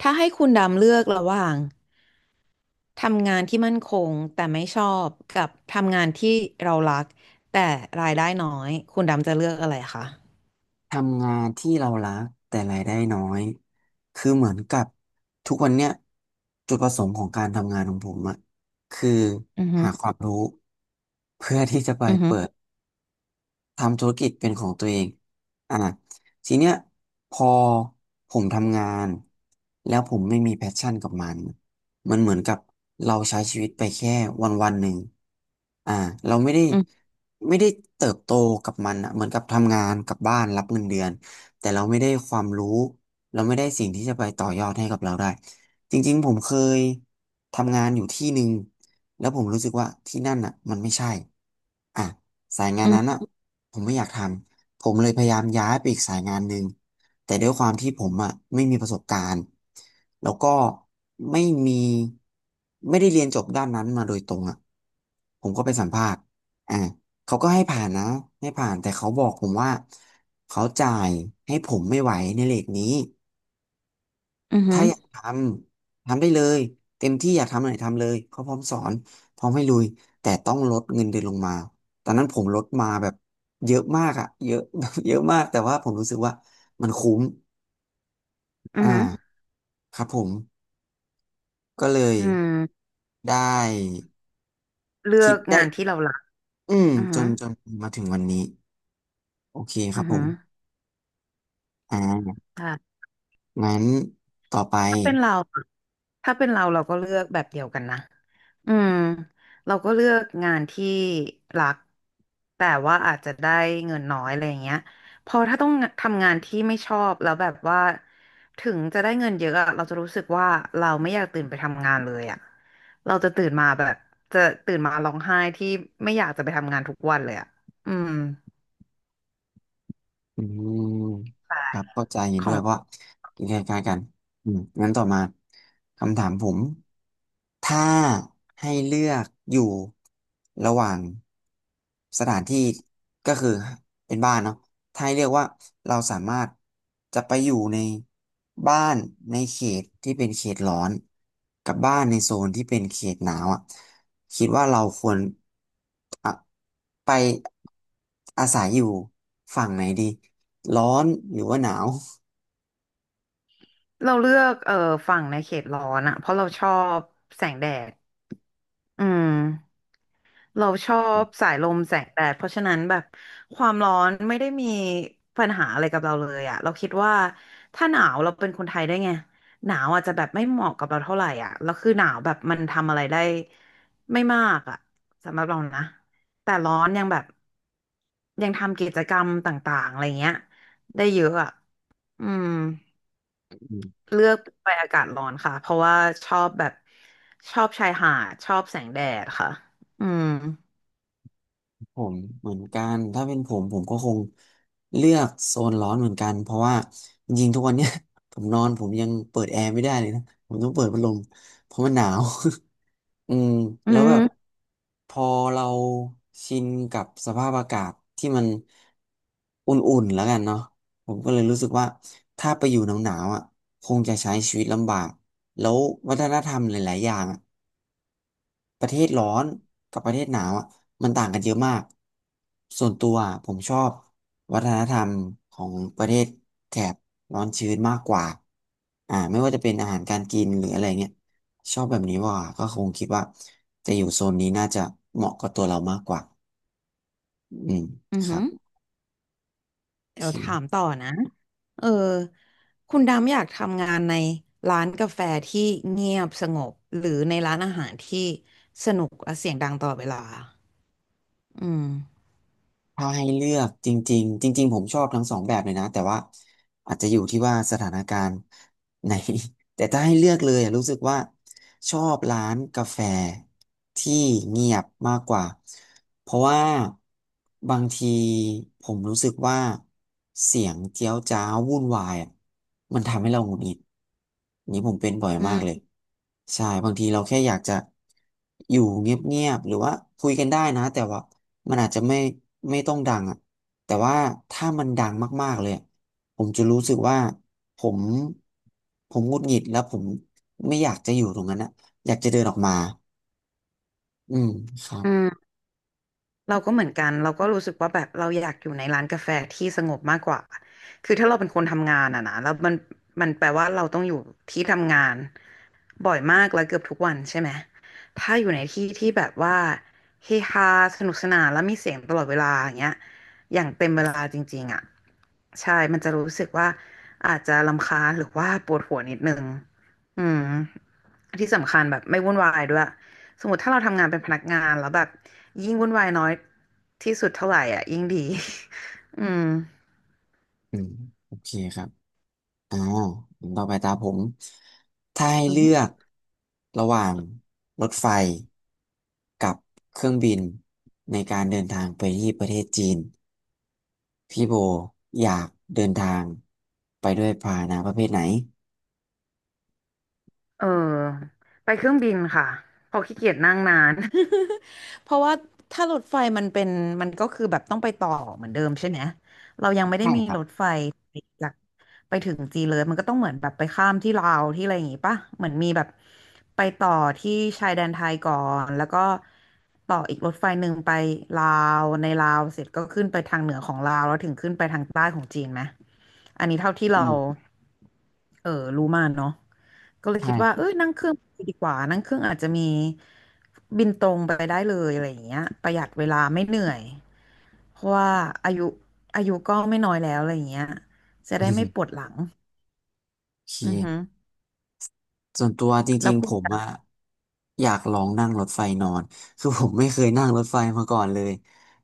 ถ้าให้คุณดำเลือกระหว่างทำงานที่มั่นคงแต่ไม่ชอบกับทำงานที่เรารักแต่รายได้น้อยคุณดำจะเลือกอะไรคะทำงานที่เรารักแต่รายได้น้อยคือเหมือนกับทุกวันเนี้ยจุดประสงค์ของการทำงานของผมอะคืออือฮึอหาความรู้เพื่อที่จะไปือฮึเปิอด ทำธุรกิจเป็นของตัวเองอ่ะทีเนี้ยพอผมทำงานแล้วผมไม่มีแพชชั่นกับมันมันเหมือนกับเราใช้ชีวิตไปแค่วันวันหนึ่งอ่าเราไม่ได้อือไม่ได้เติบโตกับมันอ่ะเหมือนกับทำงานกลับบ้านรับเงินเดือนแต่เราไม่ได้ความรู้เราไม่ได้สิ่งที่จะไปต่อยอดให้กับเราได้ จริงๆผมเคยทำงานอยู่ที่หนึ่งแล้วผมรู้สึกว่าที่นั่นอ่ะมันไม่ใช่อ่ะสายงานอือนั้นอ่ะ ผมไม่อยากทำ ผมเลยพยายามย้ายไปอีกสายงานหนึ่งแต่ด้วยความที่ผมอ่ะไม่มีประสบการณ์ แล้วก็ไม่มีไม่ได้เรียนจบด้านนั้นมาโดยตรงอ่ะผมก็ไปสัมภาษณ์อ่าเขาก็ให้ผ่านนะให้ผ่าน แต่เขาบอกผมว่าเขาจ่ายให้ผมไม่ไหวในเลทนี้ อือืถ้าออยากทำทำได้เลยเต็มที่อยากทำอะไรทำเลยเขาพร้อมสอนพร้อมให้ลุยแต่ต้องลดเงินเดือนลงมาตอนนั้นผมลดมาแบบเยอะมากอะเยอะ แบบเยอะมากแต่ว่าผมรู้สึกว่ามันคุ้มอ่ือือาครับผมก็เลยืมได้เลือคิดกได้งานที่เรารักอืมอือจฮึอนจนมาถึงวันนี้โอเคคืรัอบผฮึมอ่าใช่ งั้นต่อไป ถ้าเป็นเราอะถ้าเป็นเราเราก็เลือกแบบเดียวกันนะอืมเราก็เลือกงานที่รักแต่ว่าอาจจะได้เงินน้อยอะไรอย่างเงี้ยพอถ้าต้องทำงานที่ไม่ชอบแล้วแบบว่าถึงจะได้เงินเยอะอะเราจะรู้สึกว่าเราไม่อยากตื่นไปทำงานเลยอะเราจะตื่นมาแบบจะตื่นมาร้องไห้ที่ไม่อยากจะไปทำงานทุกวันเลยอะอืมอืมครับเข้าใจเห็นขอด้วยงเพราะว่าใกนคล้ายๆกันอืมงั้นต่อมาคำถามผม ถ้าให้เลือกอยู่ระหว่างสถานที่ก็คือเป็นบ้านเนาะถ้าให้เลือกว่าเราสามารถจะไปอยู่ในบ้านในเขตที่เป็นเขตร้อนกับบ้านในโซนที่เป็นเขตหนาวอ่ะคิดว่าเราควรอะไปอาศัยอยู่ฝั่งไหนดีร้อนหรือว่าหนาว เราเลือกฝั่งในเขตร้อนอะเพราะเราชอบแสงแดดอืม เราชอบสายลมแสงแดดเพราะฉะนั้นแบบความร้อนไม่ได้มีปัญหาอะไรกับเราเลยอะเราคิดว่าถ้าหนาวเราเป็นคนไทยได้ไงหนาวอาจจะแบบไม่เหมาะกับเราเท่าไหร่อ่ะแล้วคือหนาวแบบมันทำอะไรได้ไม่มากอ่ะสำหรับเรานะแต่ร้อนยังแบบยังทำกิจกรรมต่างๆอะไรเงี้ยได้เยอะอ่ะอืมเลือกไปอากาศร้อนค่ะเพราะว่าชอบแบบชอบชายหาดชอบแสงแดดค่ะอืมผมเหมือนกันถ้าเป็นผมผมก็คงเลือกโซนร้อนเหมือนกันเพราะว่าจริงๆทุกวันเนี้ย ผมนอนผมยังเปิดแอร์ไม่ได้เลยนะผมต้องเปิดพัดลมเพราะมันหนาว อืมอืแล้วแบบม พอเราชินกับสภาพอากาศที่มันอุ่นๆแล้วกันเนาะผมก็เลยรู้สึกว่าถ้าไปอยู่หนาวๆอ่ะคงจะใช้ชีวิตลำบากแล้ววัฒนธรรมหลายๆอย่างอะ ประเทศร้อนกับประเทศหนาวอ่ะมันต่างกันเยอะมากส่วนตัวอะผมชอบวัฒนธรรมของประเทศแถบร้อนชื้นมากกว่าอ่าไม่ว่าจะเป็นอาหารการกินหรืออะไรเงี้ยชอบแบบนี้ว่าก็คงคิดว่าจะอยู่โซนนี้น่าจะเหมาะกับตัวเรามากกว่าอืมอือครัหือบโอเดี๋เยวถามคต่อนะเออคุณดำอยากทำงานในร้านกาแฟที่เงียบสงบหรือในร้านอาหารที่สนุกและเสียงดังตลอดเวลาอืมถ้าให้เลือกจริงๆจริงๆผมชอบทั้งสองแบบเลยนะแต่ว่า อาจจะอยู่ที่ว่าสถานการณ์ไหน แต่ถ้าให้เลือกเลยอะรู้สึกว่าชอบร้านกาแฟที่เงียบมากกว่า เพราะว่าบางทีผมรู้สึกว่าเสียงเจี๊ยวจ้าววุ่นวายอะมันทำให้เราหงุดหงิด นี่ผมเป็นบ่อยมากอเลยใช่บางทีเราแค่อยากจะอยู่เงียบๆหรือว่าคุยกันได้นะแต่ว่ามันอาจจะไม่ไม่ต้องดังอ่ะแต่ว่าถ้ามันดังมากๆเลย ผมจะรู้สึกว่าผมผมหงุดหงิดแล้วผมไม่อยากจะอยู่ตรงนั้นนะอยากจะเดินออกมาอืมครับืม เราก็เหมือนกันเราก็รู้สึกว่าแบบเราอยากอยู่ในร้านกาแฟที่สงบมากกว่าคือถ้าเราเป็นคนทำงานอะนะแล้วมันแปลว่าเราต้องอยู่ที่ทำงานบ่อยมากแล้วเกือบทุกวันใช่ไหมถ้าอยู่ในที่ที่แบบว่าเฮฮาสนุกสนานแล้วมีเสียงตลอดเวลาอย่างเงี้ยอย่างเต็มเวลาจริงๆอะใช่มันจะรู้สึกว่าอาจจะรำคาญหรือว่าปวดหัวนิดนึงอืม ที่สำคัญแบบไม่วุ่นวายด้วยสมมติถ้าเราทำงานเป็นพนักงานแล้วแบบยิ่งวุ่นวายน้อยที่สุดเท่าไหร่อ่ะยิ่งดี อืม อืมโอเคครับอ่าต่อไปตาผมถ้าให้เลือกระหว่างรถไฟกับเครื่องบินในการเดินทางไปที่ประเทศจีนพี่โบอยากเดินทางไปด้วยพาหนะประเภทไหนเออไปเครื่องบินค่ะเพอขี้เกียจนั่งนาน เพราะว่าถ้ารถไฟมันเป็นมันก็คือแบบต้องไปต่อเหมือนเดิมใช่ไหมเรายังไม่ได้ใช่มีครับรถไฟจากไปถึงจีนเลยมันก็ต้องเหมือนแบบไปข้ามที่ลาวที่อะไรอย่างงี้ป่ะเหมือนมีแบบไปต่อที่ชายแดนไทยก่อนแล้วก็ต่ออีกรถไฟหนึ่งไปลาวในลาวเสร็จก็ขึ้นไปทางเหนือของลาวแล้วถึงขึ้นไปทางใต้ของจีนไหมอันนี้เท่าที่อืเรามเออรู้มาเนาะ ก็เลยใช่ คิดว่าเอ้ยนั่งเครื่องไปดีกว่า นั่งเครื่องอาจจะมีบินตรงไปได้เลยอะไรอย่างเงี้ยประหยัดเวลาไม่เหนื่อยเพราะว่าอายุอายุก็ไม่น้อยแล้วอะไรอย่างเงี้ยจะได้ไม่ ปวดหลังโอเค อือฮึส่วนตัวจแล้ริวงคุๆผณ มอะอยากลองนั่งรถไฟนอน คือผมไม่เคยนั่งรถไฟมาก่อนเลย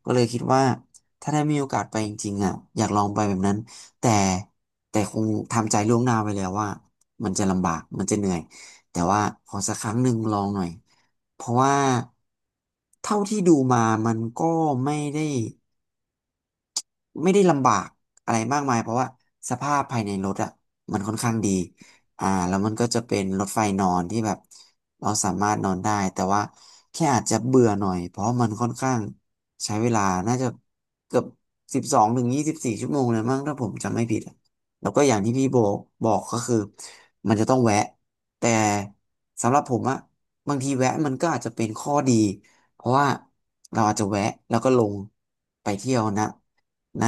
ก็เลยคิดว่าถ้าได้มีโอกาสไปจริงๆอะอยากลองไปแบบนั้น แต่แต่คงทำใจล่วงหน้าไว้แล้วว่ามันจะลำบากมันจะเหนื่อย แต่ว่าขอสักครั้งหนึ่งลองหน่อย เพราะว่าเท่าที่ดูมามันก็ไม่ได้ ไม่ได้ลำบากอะไรมากมายเพราะว่าสภาพภายในรถอ่ะมันค่อนข้างดีอ่าแล้วมันก็จะเป็นรถไฟนอนที่แบบเราสามารถนอนได้แต่ว่าแค่อาจจะเบื่อหน่อยเพราะมันค่อนข้างใช้เวลาน่าจะเกือบ12 ถึง 24 ชั่วโมงเลยมั้งถ้าผมจำไม่ผิดอะแล้วก็อย่างที่พี่โบบอกก็คือมันจะต้องแวะแต่สำหรับผมอะบางทีแวะมันก็อาจจะเป็นข้อดีเพราะว่าเราอาจจะแวะแล้วก็ลงไปเที่ยวนะ ณ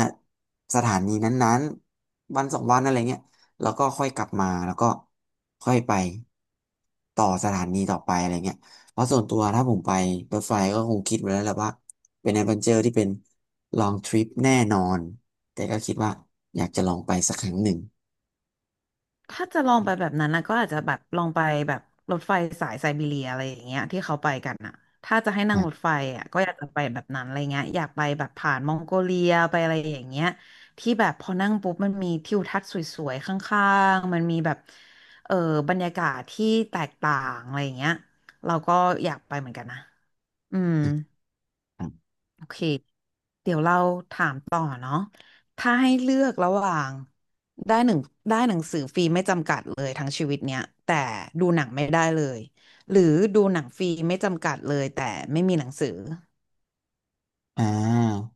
สถานีนั้นๆวันสองวันอะไรเงี้ยแล้วก็ค่อยกลับมาแล้วก็ค่อยไปต่อสถานีต่อไปอะไรเงี้ยเพราะส่วนตัวถ้าผมไปรถไฟก็คงคิดไว้แล้วแหละว่าเป็นแอดเวนเจอร์ที่เป็น long trip แน่นอนแต่ก็คิดว่าอยากจะลองไปสักครั้งหนึ่งถ้าจะลองไปแบบนั้นนะก็อาจจะแบบลองไปแบบรถไฟสายไซบีเรียอะไรอย่างเงี้ยที่เขาไปกันอ่ะถ้าจะให้นั่งนะรถไฟอ่ะก็อยากจะไปแบบนั้นอะไรเงี้ยอยากไปแบบผ่านมองโกเลียไปอะไรอย่างเงี้ยที่แบบพอนั่งปุ๊บมันมีทิวทัศน์สวยๆข้างๆมันมีแบบเออบรรยากาศที่แตกต่างอะไรอย่างเงี้ยเราก็อยากไปเหมือนกันนะอืม ครับโอเค เดี๋ยวเราถามต่อเนาะถ้าให้เลือกระหว่างได้หนึ่งได้หนังสือฟรีไม่จำกัดเลยทั้งชีวิตเนี้ยแต่ดูหนังไม่ได้เลยหรือดูหนังฟรีไม่จำกัดเลยแต่ไม่มีหนังสืออ่า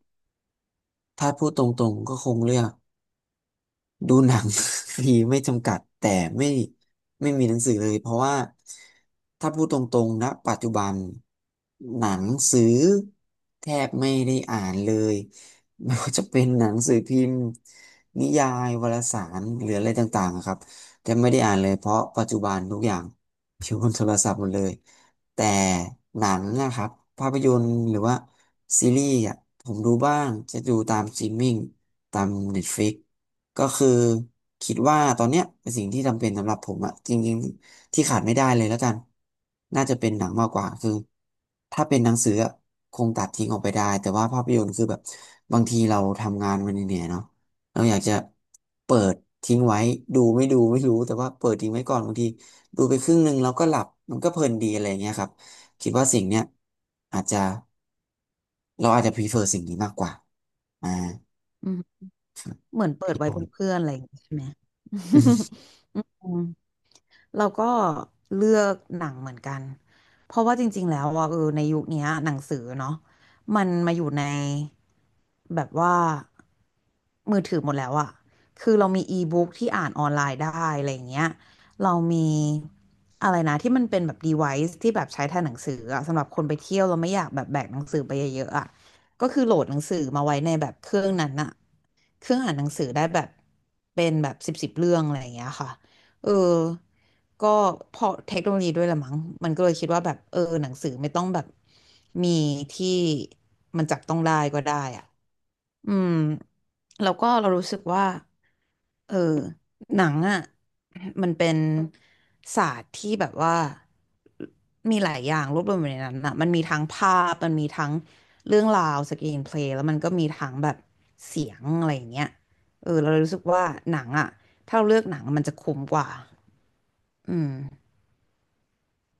ถ้าพูดตรงๆก็คงเลือก ดูหนัง ฟรีไม่จำกัดแต่ไม่ไม่มีหนังสือเลยเพราะว่าถ้าพูดตรงๆนะปัจจุบันหนังสือแทบไม่ได้อ่านเลยไม่ว่าจะเป็นหนังสือพิมพ์นิยายวารสารหรืออะไรต่างๆอะครับแทบไม่ได้อ่านเลยเพราะปัจจุบันทุกอย่างอยู่บนโทรศัพท์หมดเลยแต่หนังนะครับภาพยนตร์หรือว่าซีรีส์อ่ะผมดูบ้างจะดูตามสตรีมมิ่งตาม Netflix ก็คือคิดว่าตอนเนี้ยเป็นสิ่งที่จำเป็นสำหรับผมอะจริงๆที่ขาดไม่ได้เลยแล้วกันน่าจะเป็นหนังมากกว่าคือถ้าเป็นหนังสืออะคงตัดทิ้งออกไปได้แต่ว่าภาพยนตร์คือแบบบางทีเราทำงานมันเหนื่อยๆเนาะเราอยากจะเปิดทิ้งไว้ดูไม่ดูไม่รู้แต่ว่าเปิดทิ้งไว้ก่อนบางทีดูไปครึ่งหนึ่งแล้วก็หลับมันก็เพลินดีอะไรอย่างเงี้ยครับคิดว่าสิ่งเนี้ยอาจจะเราอาจจะ prefer สิ่งนี้มากกว่าอ่าอืมครับเหมือนเปิดพี่ไว้บอเป็นเพื่ลอนอะไรอย่างงี้ใช่ไหม อืมเราก็เลือกหนังเหมือนกันเพราะว่าจริงๆแล้วว่าเออในยุคเนี้ยหนังสือเนาะมันมาอยู่ในแบบว่า มือถือหมดแล้วอะคือเรามีอีบุ๊กที่อ่านออนไลน์ได้อะไรอย่างเงี้ยเรามีอะไรนะที่มันเป็นแบบ device ที่แบบใช้แทนหนังสืออะสำหรับคนไปเที่ยวเราไม่อยากแบบแบกหนังสือไปเยอะๆอะก็คือโหลดหนังสือมาไว้ในแบบเครื่องนั้นอะเครื่องอ่านหนังสือได้แบบเป็นแบบสิบสิบเรื่องอะไรอย่างเงี้ยค่ะเออก็เพราะเทคโนโลยีด้วยละมั้งมันก็เลยคิดว่าแบบเออหนังสือไม่ต้องแบบมีที่มันจับต้องได้ก็ได้อะ อืมแล้วก็เรารู้สึกว่าเออหนังอ่ะมันเป็นศาสตร์ที่แบบว่ามีหลายอย่างรวบรวมอยู่ในนั้นอ่ะมันมีทั้งภาพมันมีทั้งเรื่องราวสกรีนเพลย์แล้วมันก็มีทั้งแบบเสียงอะไรอย่างเงี้ยเออเราเรู้สึกว่าหนังอ่ะถ้าเราเลือกหนังมันจะคุ้มกว่าอืม